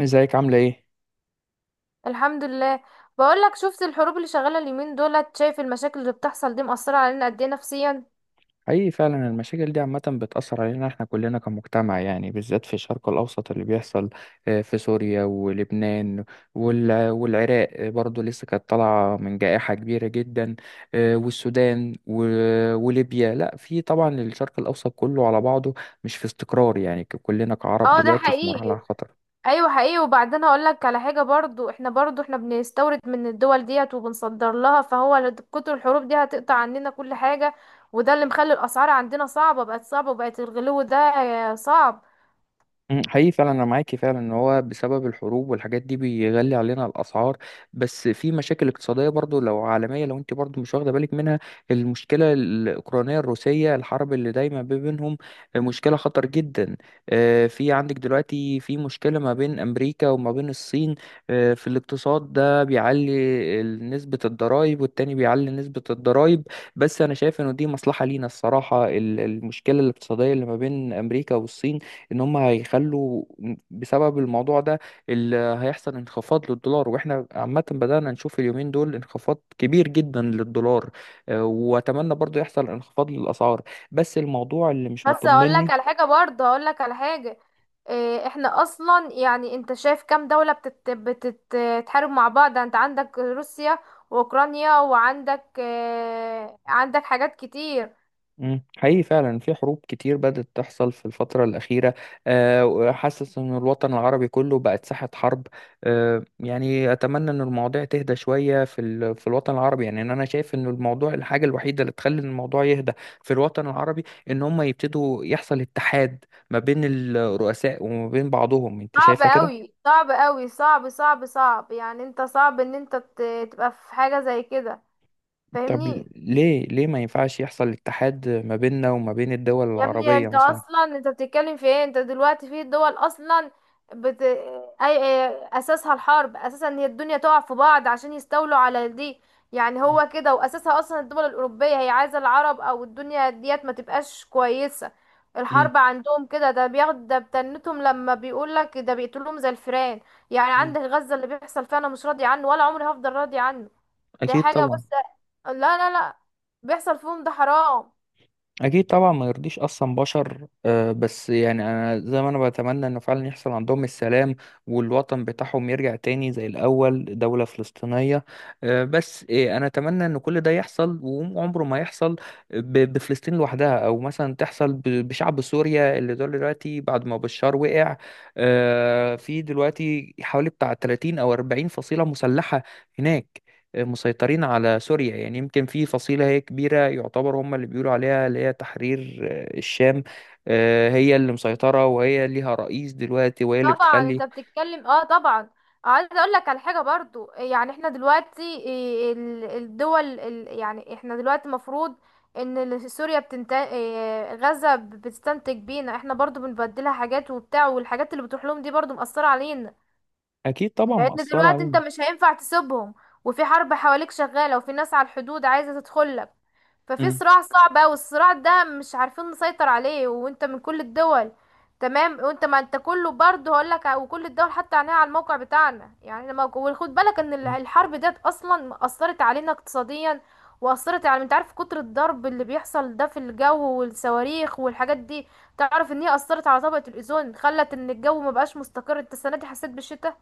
ازيك عاملة ايه؟ الحمد لله. بقولك، شفت الحروب اللي شغالة اليومين دولت؟ شايف المشاكل اللي بتحصل دي مأثرة علينا قد ايه نفسيا؟ حقيقي فعلا المشاكل دي عامة بتأثر علينا احنا كلنا كمجتمع، يعني بالذات في الشرق الأوسط اللي بيحصل. في سوريا ولبنان والعراق. برضو لسه كانت طالعة من جائحة كبيرة جدا. والسودان وليبيا. لا، في طبعا الشرق الأوسط كله على بعضه مش في استقرار، يعني كلنا كعرب اه، ده دلوقتي في مرحلة حقيقي. خطر. ايوه حقيقي. وبعدين هقولك على حاجة برضو، احنا بنستورد من الدول ديت وبنصدر لها، فهو كتر الحروب دي هتقطع عننا كل حاجة. وده اللي مخلي الأسعار عندنا صعبة، بقت صعبة، وبقت الغلو ده صعب. حقيقي فعلا انا معاكي فعلا ان هو بسبب الحروب والحاجات دي بيغلي علينا الاسعار. بس في مشاكل اقتصاديه برضو لو عالميه لو انت برضو مش واخده بالك منها. المشكله الاوكرانيه الروسيه، الحرب اللي دايما ما بينهم، مشكله خطر جدا. في عندك دلوقتي في مشكله ما بين امريكا وما بين الصين. في الاقتصاد ده بيعلي نسبه الضرائب، والتاني بيعلي نسبه الضرائب. بس انا شايف انه دي مصلحه لينا الصراحه، المشكله الاقتصاديه اللي ما بين امريكا والصين ان هم هيخلوا بسبب الموضوع ده اللي هيحصل انخفاض للدولار، واحنا عامة بدأنا نشوف اليومين دول انخفاض كبير جدا للدولار. واتمنى برضو يحصل انخفاض للاسعار، بس الموضوع اللي مش بس هقول لك مطمني. على حاجه برضه هقول لك على حاجه. احنا اصلا يعني، انت شايف كام دوله بتتحارب مع بعض؟ انت عندك روسيا واوكرانيا، وعندك عندك حاجات كتير. حقيقي فعلا في حروب كتير بدأت تحصل في الفترة الأخيرة. وحاسس إن الوطن العربي كله بقت ساحة حرب. يعني أتمنى إن المواضيع تهدى شوية في في الوطن العربي. يعني إن أنا شايف إن الموضوع، الحاجة الوحيدة اللي تخلي الموضوع يهدى في الوطن العربي إن هم يبتدوا يحصل اتحاد ما بين الرؤساء وما بين بعضهم. أنت صعب شايفة كده؟ قوي، صعب قوي، صعب صعب صعب. يعني انت صعب ان تبقى في حاجه زي كده، طب، فاهمني؟ ليه ما ينفعش يحصل اتحاد ما بيننا وما بين الدول يا ابني العربية انت مثلا؟ اصلا، انت بتتكلم في ايه؟ انت دلوقتي في دول اصلا بت... اي اساسها الحرب. اساسا ان هي الدنيا تقع في بعض عشان يستولوا على دي. يعني مم. هو كده، واساسها اصلا الدول الاوروبيه هي عايزه العرب او الدنيا ديت ما تبقاش كويسه. مم. الحرب عندهم كده، ده بياخد، ده بتنتهم. لما بيقول لك ده، بيقتلهم زي الفئران. يعني مم. عندك غزه، اللي بيحصل فيها انا مش راضي عنه، ولا عمري هفضل راضي عنه. دي أكيد حاجه طبعا. بس. لا لا لا، بيحصل فيهم ده حرام. اكيد طبعا، ما يرضيش اصلا بشر. بس يعني انا زي ما انا بتمنى انه فعلا يحصل عندهم السلام، والوطن بتاعهم يرجع تاني زي الاول دولة فلسطينية. بس انا اتمنى ان كل ده يحصل، وعمره ما يحصل بفلسطين لوحدها، او مثلا تحصل بشعب سوريا اللي دول دلوقتي بعد ما بشار وقع. في دلوقتي حوالي بتاع 30 او 40 فصيلة مسلحة هناك مسيطرين على سوريا. يعني يمكن في فصيلة هي كبيرة يعتبر هم اللي بيقولوا عليها اللي هي تحرير الشام. هي اللي مسيطرة، وهي ليها رئيس دلوقتي، وهي اللي طبعا انت بتخلي. بتتكلم، اه طبعا. عايزه اقول لك على حاجه برضو، يعني احنا دلوقتي ايه الدول يعني احنا دلوقتي المفروض ان سوريا بتنتج، غزه بتستنتج بينا، احنا برضو بنبدلها حاجات وبتاع، والحاجات اللي بتروح لهم دي برضو مأثره علينا. أكيد طبعا لان مأثرة دلوقتي انت علينا. مش هينفع تسيبهم، وفي حرب حواليك شغالة، وفي ناس على الحدود عايزة تدخلك. ففي صراع صعب اوي، الصراع ده مش عارفين نسيطر عليه، وانت من كل الدول. تمام؟ وانت ما انت كله برضه، هقولك، وكل الدول حتى عينيها على الموقع بتاعنا. يعني لما وخد بالك ان مم. الحرب ديت اصلا اثرت علينا اقتصاديا، واثرت على، انت عارف، كتر الضرب اللي بيحصل ده في الجو، والصواريخ والحاجات دي. تعرف ان هي اثرت على طبقة الاوزون، خلت ان الجو ما بقاش مستقر. انت السنة دي حسيت بالشتاء؟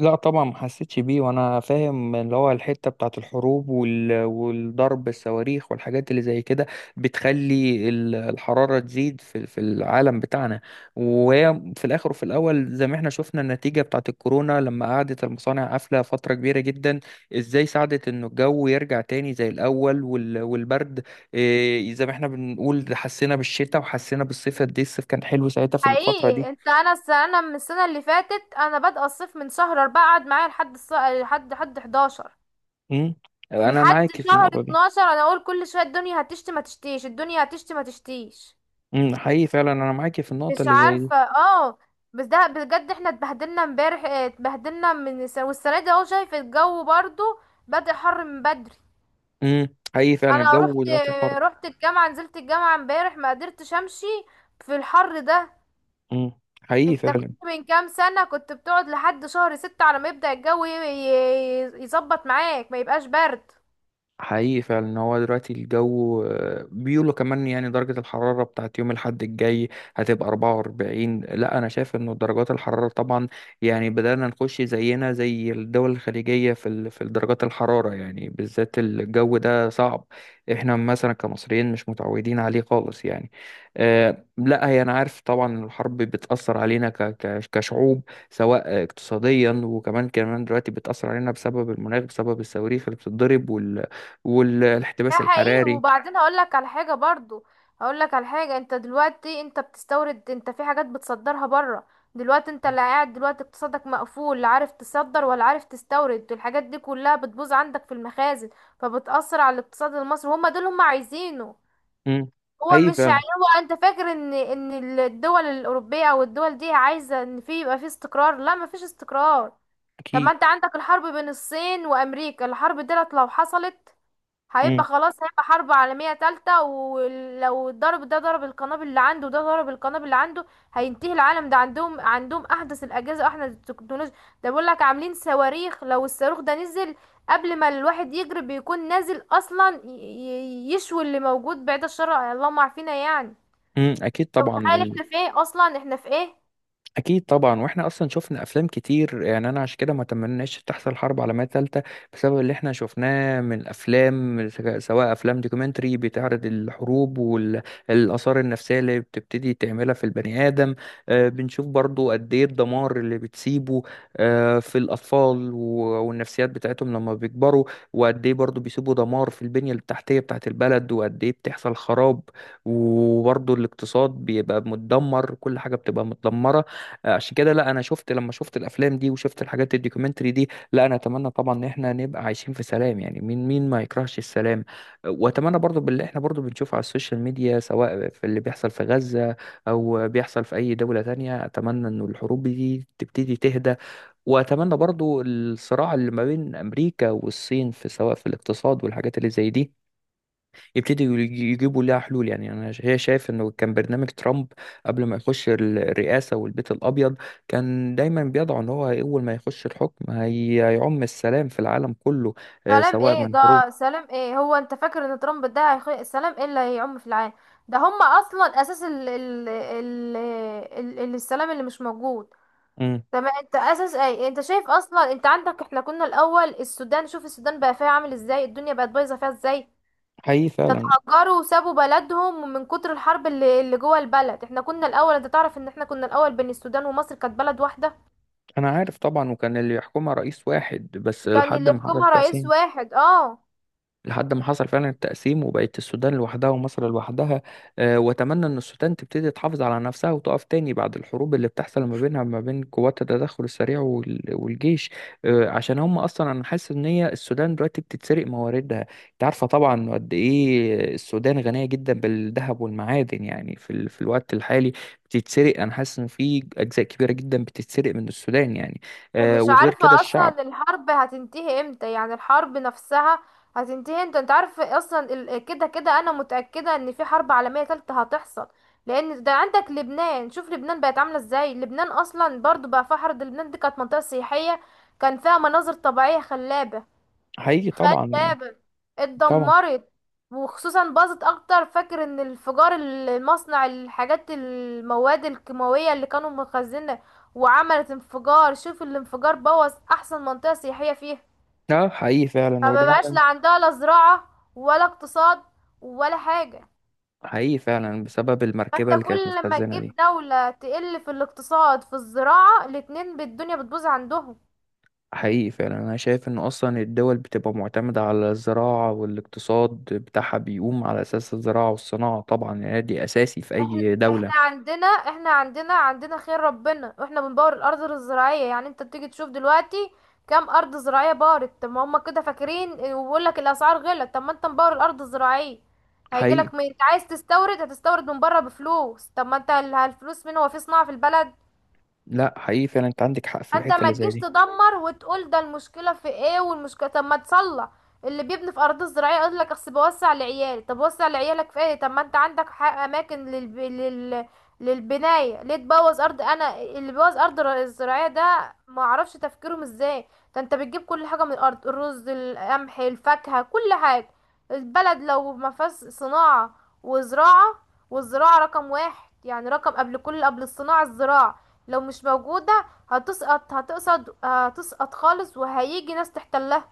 لا طبعا ما حسيتش بيه، وانا فاهم اللي هو الحته بتاعت الحروب والضرب الصواريخ والحاجات اللي زي كده بتخلي الحراره تزيد في العالم بتاعنا. وهي في الاخر وفي الاول زي ما احنا شفنا النتيجه بتاعت الكورونا لما قعدت المصانع قافله فتره كبيره جدا، ازاي ساعدت انه الجو يرجع تاني زي الاول والبرد. إيه، زي ما احنا بنقول ده حسينا بالشتاء وحسينا بالصيف قد ايه الصيف كان حلو ساعتها في الفتره حقيقي. دي. انت، انا انا من السنه اللي فاتت، انا بادئه الصيف من شهر اربعة، قعد معايا لحد 11، امم انا لحد معاك في شهر النقطه دي. 12. انا اقول كل شويه الدنيا هتشتي ما تشتيش، الدنيا هتشتي ما تشتيش. حقيقي فعلا انا معاكي في النقطه مش اللي زي دي. عارفه، اه. بس ده بجد احنا اتبهدلنا امبارح، اتبهدلنا من والسنه دي اهو، شايف الجو برضو بدأ حر من بدري. امم حقيقي فعلا انا الجو رحت، دلوقتي حر. الجامعه، نزلت الجامعه امبارح، ما قدرتش امشي في الحر ده. حقيقي انت كنت فعلا. من كام سنة كنت بتقعد لحد شهر ستة على ما يبدأ الجو يظبط معاك، ما يبقاش برد. حقيقي فعلا ان هو دلوقتي الجو، بيقولوا كمان يعني درجة الحرارة بتاعت يوم الأحد الجاي هتبقى 44. لا، أنا شايف إنه درجات الحرارة طبعا يعني بدأنا نخش زينا زي الدول الخليجية في في درجات الحرارة، يعني بالذات الجو ده صعب، احنا مثلا كمصريين مش متعودين عليه خالص يعني. لا هي أنا عارف طبعا إن الحرب بتأثر علينا كشعوب سواء اقتصاديا، وكمان دلوقتي بتأثر علينا بسبب المناخ، بسبب الصواريخ اللي بتتضرب، ده والاحتباس حقيقي. الحراري. وبعدين هقول لك على حاجة برضو هقول لك على حاجة. انت دلوقتي انت بتستورد، انت في حاجات بتصدرها بره. دلوقتي انت اللي قاعد، دلوقتي اقتصادك مقفول، لا عارف تصدر ولا عارف تستورد، الحاجات دي كلها بتبوظ عندك في المخازن. فبتأثر على الاقتصاد المصري. هما دول عايزينه. امم هو حقيقي مش يعني، فعلا. هو انت فاكر ان الدول الاوروبيه او الدول دي عايزه ان في يبقى في استقرار؟ لا، مفيش استقرار. طب ما اكيد. انت عندك الحرب بين الصين وامريكا، الحرب ديت لو حصلت، امم هيبقى خلاص، هيبقى حرب عالمية تالتة. ولو ضرب، ده ضرب القنابل اللي عنده، ده ضرب القنابل اللي عنده، هينتهي العالم. ده عندهم أحدث الأجهزة وأحدث التكنولوجيا. ده بيقول لك عاملين صواريخ، لو الصاروخ ده نزل، قبل ما الواحد يجري بيكون نازل أصلا، يشوي اللي موجود، بعيد الشر، اللهم عافينا يعني. اكيد طبعا. تخيل احنا في ايه أصلا، احنا في ايه. اكيد طبعا، واحنا اصلا شفنا افلام كتير، يعني انا عشان كده ما تمناش تحصل حرب عالميه ثالثه بسبب اللي احنا شفناه من الافلام، سواء افلام دوكيومنتري بتعرض الحروب والاثار النفسيه اللي بتبتدي تعملها في البني ادم. بنشوف برضو قد ايه الدمار اللي بتسيبه في الاطفال والنفسيات بتاعتهم لما بيكبروا. وقد ايه برضو بيسيبوا دمار في البنيه التحتيه بتاعت البلد، وقد ايه بتحصل خراب، وبرضو الاقتصاد بيبقى متدمر، كل حاجه بتبقى متدمره. عشان كده لا، انا شفت لما شفت الافلام دي وشفت الحاجات الدوكيومنتري دي، لا، انا اتمنى طبعا ان احنا نبقى عايشين في سلام. يعني مين ما يكرهش السلام؟ واتمنى برضو باللي احنا برضو بنشوفه على السوشيال ميديا سواء في اللي بيحصل في غزة او بيحصل في اي دولة تانية، اتمنى ان الحروب دي تبتدي تهدى. واتمنى برضو الصراع اللي ما بين امريكا والصين في سواء في الاقتصاد والحاجات اللي زي دي يبتدوا يجيبوا لها حلول. يعني انا هي شايف انه كان برنامج ترامب قبل ما يخش الرئاسه والبيت الابيض، كان دايما بيضع ان هو اول ما يخش الحكم هيعم السلام في العالم كله، سلام سواء ايه من حروب. ده؟ سلام ايه؟ هو انت فاكر ان ترامب ده سلام ايه اللي هيعم في العالم؟ ده هم اصلا اساس السلام اللي مش موجود. مم. تمام؟ انت اساس ايه؟ انت شايف اصلا، انت عندك، احنا كنا الاول السودان، شوف السودان بقى فيها عامل ازاي، الدنيا بقت بايظه فيها ازاي. حقيقي ده فعلا. اتهجروا وسابوا بلدهم من كتر الحرب اللي جوه البلد. احنا كنا الاول، انت تعرف ان احنا كنا الاول بين السودان ومصر كانت بلد واحده؟ انا عارف طبعا، وكان اللي يحكمها رئيس واحد بس يعني لحد اللي ما يحكمها حضرت، رئيس واحد، اه. لحد ما حصل فعلا التقسيم وبقت السودان لوحدها ومصر لوحدها. واتمنى ان السودان تبتدي تحافظ على نفسها وتقف تاني بعد الحروب اللي بتحصل ما بينها ما بين قوات التدخل السريع والجيش. عشان هم اصلا انا حاسس ان هي السودان دلوقتي بتتسرق مواردها. انت عارفه طبعا قد ايه السودان غنيه جدا بالذهب والمعادن، يعني في في الوقت الحالي بتتسرق. انا حاسس ان في اجزاء كبيره جدا بتتسرق من السودان يعني. ومش وغير عارفة كده الشعب. اصلا الحرب هتنتهي امتى، يعني الحرب نفسها هتنتهي امتى. انت عارف اصلا كده كده انا متأكدة ان في حرب عالمية تالتة هتحصل. لان ده عندك لبنان، شوف لبنان بقت عاملة ازاي، لبنان اصلا برضو بقى فيها حرب. لبنان دي كانت منطقة سياحية، كان فيها مناظر طبيعية خلابة، حقيقي خد طبعا يعني. بالك، طبعا. اتدمرت. وخصوصا باظت اكتر، فاكر ان الانفجار المصنع، الحاجات المواد الكيماوية اللي كانوا مخزنة وعملت انفجار، شوف الانفجار بوظ احسن منطقة سياحية فيها. اه، حقيقي فعلا فما وده. بقاش لا عندها لا زراعة، ولا اقتصاد، ولا حاجة. حقيقي فعلا بسبب فانت المركبة اللي كانت كل لما متخزنة تجيب دي. دولة تقل في الاقتصاد في الزراعة، الاتنين بالدنيا بتبوظ عندهم. حقيقي فعلا أنا شايف إن أصلا الدول بتبقى معتمدة على الزراعة، والاقتصاد بتاعها بيقوم على أساس الزراعة والصناعة، طبعا يعني دي أساسي في احنا أي دولة. احنا عندنا احنا عندنا عندنا خير ربنا، واحنا بنبور الارض الزراعيه. يعني انت بتيجي تشوف دلوقتي كام ارض زراعيه بارت؟ طب ما هم كده فاكرين، وبيقول لك الاسعار غلت. طب ما انت مبور الارض الزراعيه، هيجي حقيقي. لك، عايز تستورد، هتستورد من بره بفلوس. طب ما انت، الفلوس مين؟ هو في صناعه في البلد؟ لا، حقيقي فعلا أنت عندك حق في انت الحتة ما اللي زي تجيش دي. تدمر وتقول ده المشكله في ايه، والمشكله، طب ما تصلح. اللي بيبني في ارض زراعيه يقول لك، اصل بوسع لعيالي، طب وسع لعيالك في ايه؟ طب ما انت عندك حق اماكن للبنايه، ليه تبوظ ارض؟ انا اللي بيبوظ ارض الزراعيه ده ما اعرفش تفكيرهم ازاي. ده انت بتجيب كل حاجه من الارض، الرز، القمح، الفاكهه، كل حاجه. البلد لو ما فيهاش صناعه وزراعه، والزراعه رقم واحد يعني، رقم، قبل كل، قبل الصناعه الزراعه، لو مش موجودة، هتسقط، هتقصد، هتسقط خالص، وهيجي ناس تحتلها.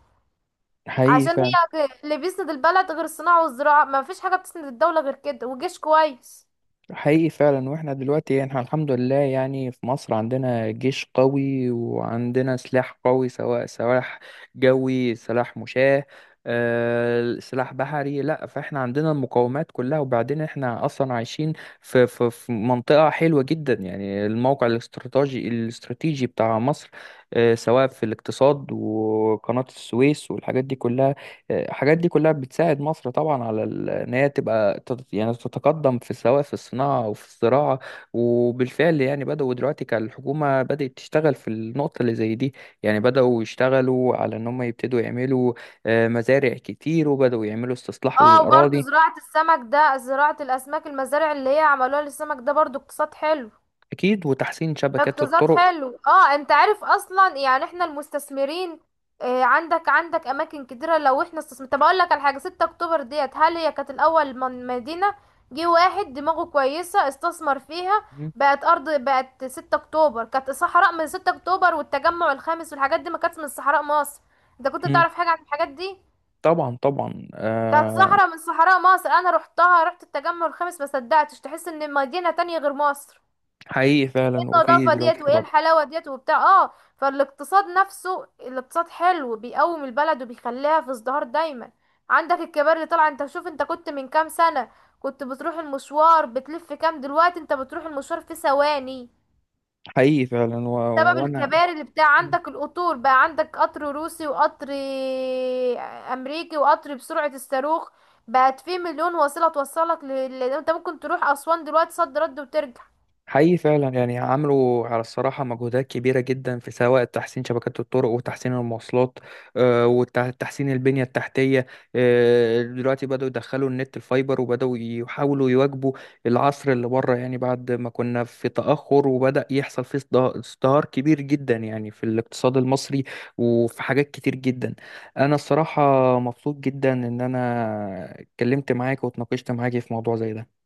حقيقي عشان فعلا. هي اللي بيسند البلد غير الصناعة والزراعة، ما فيش حاجة بتسند الدولة غير كده، وجيش كويس. حقيقي فعلا واحنا دلوقتي، يعني احنا الحمد لله، يعني في مصر عندنا جيش قوي وعندنا سلاح قوي، سواء سلاح جوي، سلاح مشاة، سلاح بحري. لا، فاحنا عندنا المقومات كلها، وبعدين احنا اصلا عايشين في في منطقة حلوة جدا، يعني الموقع الاستراتيجي الاستراتيجي بتاع مصر، سواء في الاقتصاد وقناة السويس والحاجات دي كلها. الحاجات دي كلها بتساعد مصر طبعا على ان هي تبقى يعني تتقدم في سواء في الصناعه وفي الزراعه. وبالفعل يعني بداوا دلوقتي كالحكومه بدات تشتغل في النقطه اللي زي دي، يعني بداوا يشتغلوا على ان هم يبتدوا يعملوا مزارع كتير، وبداوا يعملوا استصلاح اه، وبرضو للاراضي. زراعة السمك، ده زراعة الأسماك، المزارع اللي هي عملوها للسمك ده برضو اقتصاد حلو. اكيد، وتحسين شبكات اقتصاد الطرق. حلو، اه. انت عارف اصلا يعني، احنا المستثمرين، آه، عندك اماكن كتيره. لو احنا استثمر، طب اقول لك على حاجه، 6 اكتوبر ديت، هل هي كانت الاول من مدينه؟ جه واحد دماغه كويسه استثمر فيها، مم. بقت ارض. بقت 6 اكتوبر كانت صحراء، من 6 اكتوبر والتجمع الخامس والحاجات دي، ما كانتش من صحراء مصر؟ انت كنت مم. تعرف حاجه عن الحاجات دي؟ طبعا طبعا. كانت صحراء، من صحراء مصر. انا رحتها، رحت التجمع الخامس، ما صدقتش، تحس ان مدينه تانية غير مصر. حقيقي فعلا. وفي النظافة دلوقتي ديت، وايه حاجات الحلاوة ديت، وبتاع، اه. فالاقتصاد نفسه، الاقتصاد حلو بيقوم البلد وبيخليها في ازدهار دايما. عندك الكبار اللي طالعه، انت شوف، انت كنت من كام سنة كنت بتروح المشوار بتلف كام، دلوقتي انت بتروح المشوار في ثواني حقيقي فعلا بسبب وانا. الكباري اللي بتاع. عندك القطور بقى، عندك قطر روسي، وقطر امريكي، وقطر بسرعة الصاروخ. بقت في مليون وسيلة توصلك انت ممكن تروح اسوان دلوقتي، صد رد وترجع. حقيقي فعلا يعني عملوا على الصراحة مجهودات كبيرة جدا في سواء تحسين شبكات الطرق وتحسين المواصلات. وتحسين البنية التحتية. دلوقتي بدأوا يدخلوا النت الفايبر، وبدأوا يحاولوا يواكبوا العصر اللي بره، يعني بعد ما كنا في تأخر وبدأ يحصل فيه ازدهار كبير جدا يعني في الاقتصاد المصري وفي حاجات كتير جدا. أنا الصراحة مبسوط جدا إن أنا اتكلمت معاك واتناقشت معاك في موضوع زي ده.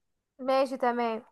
ماشي تمام.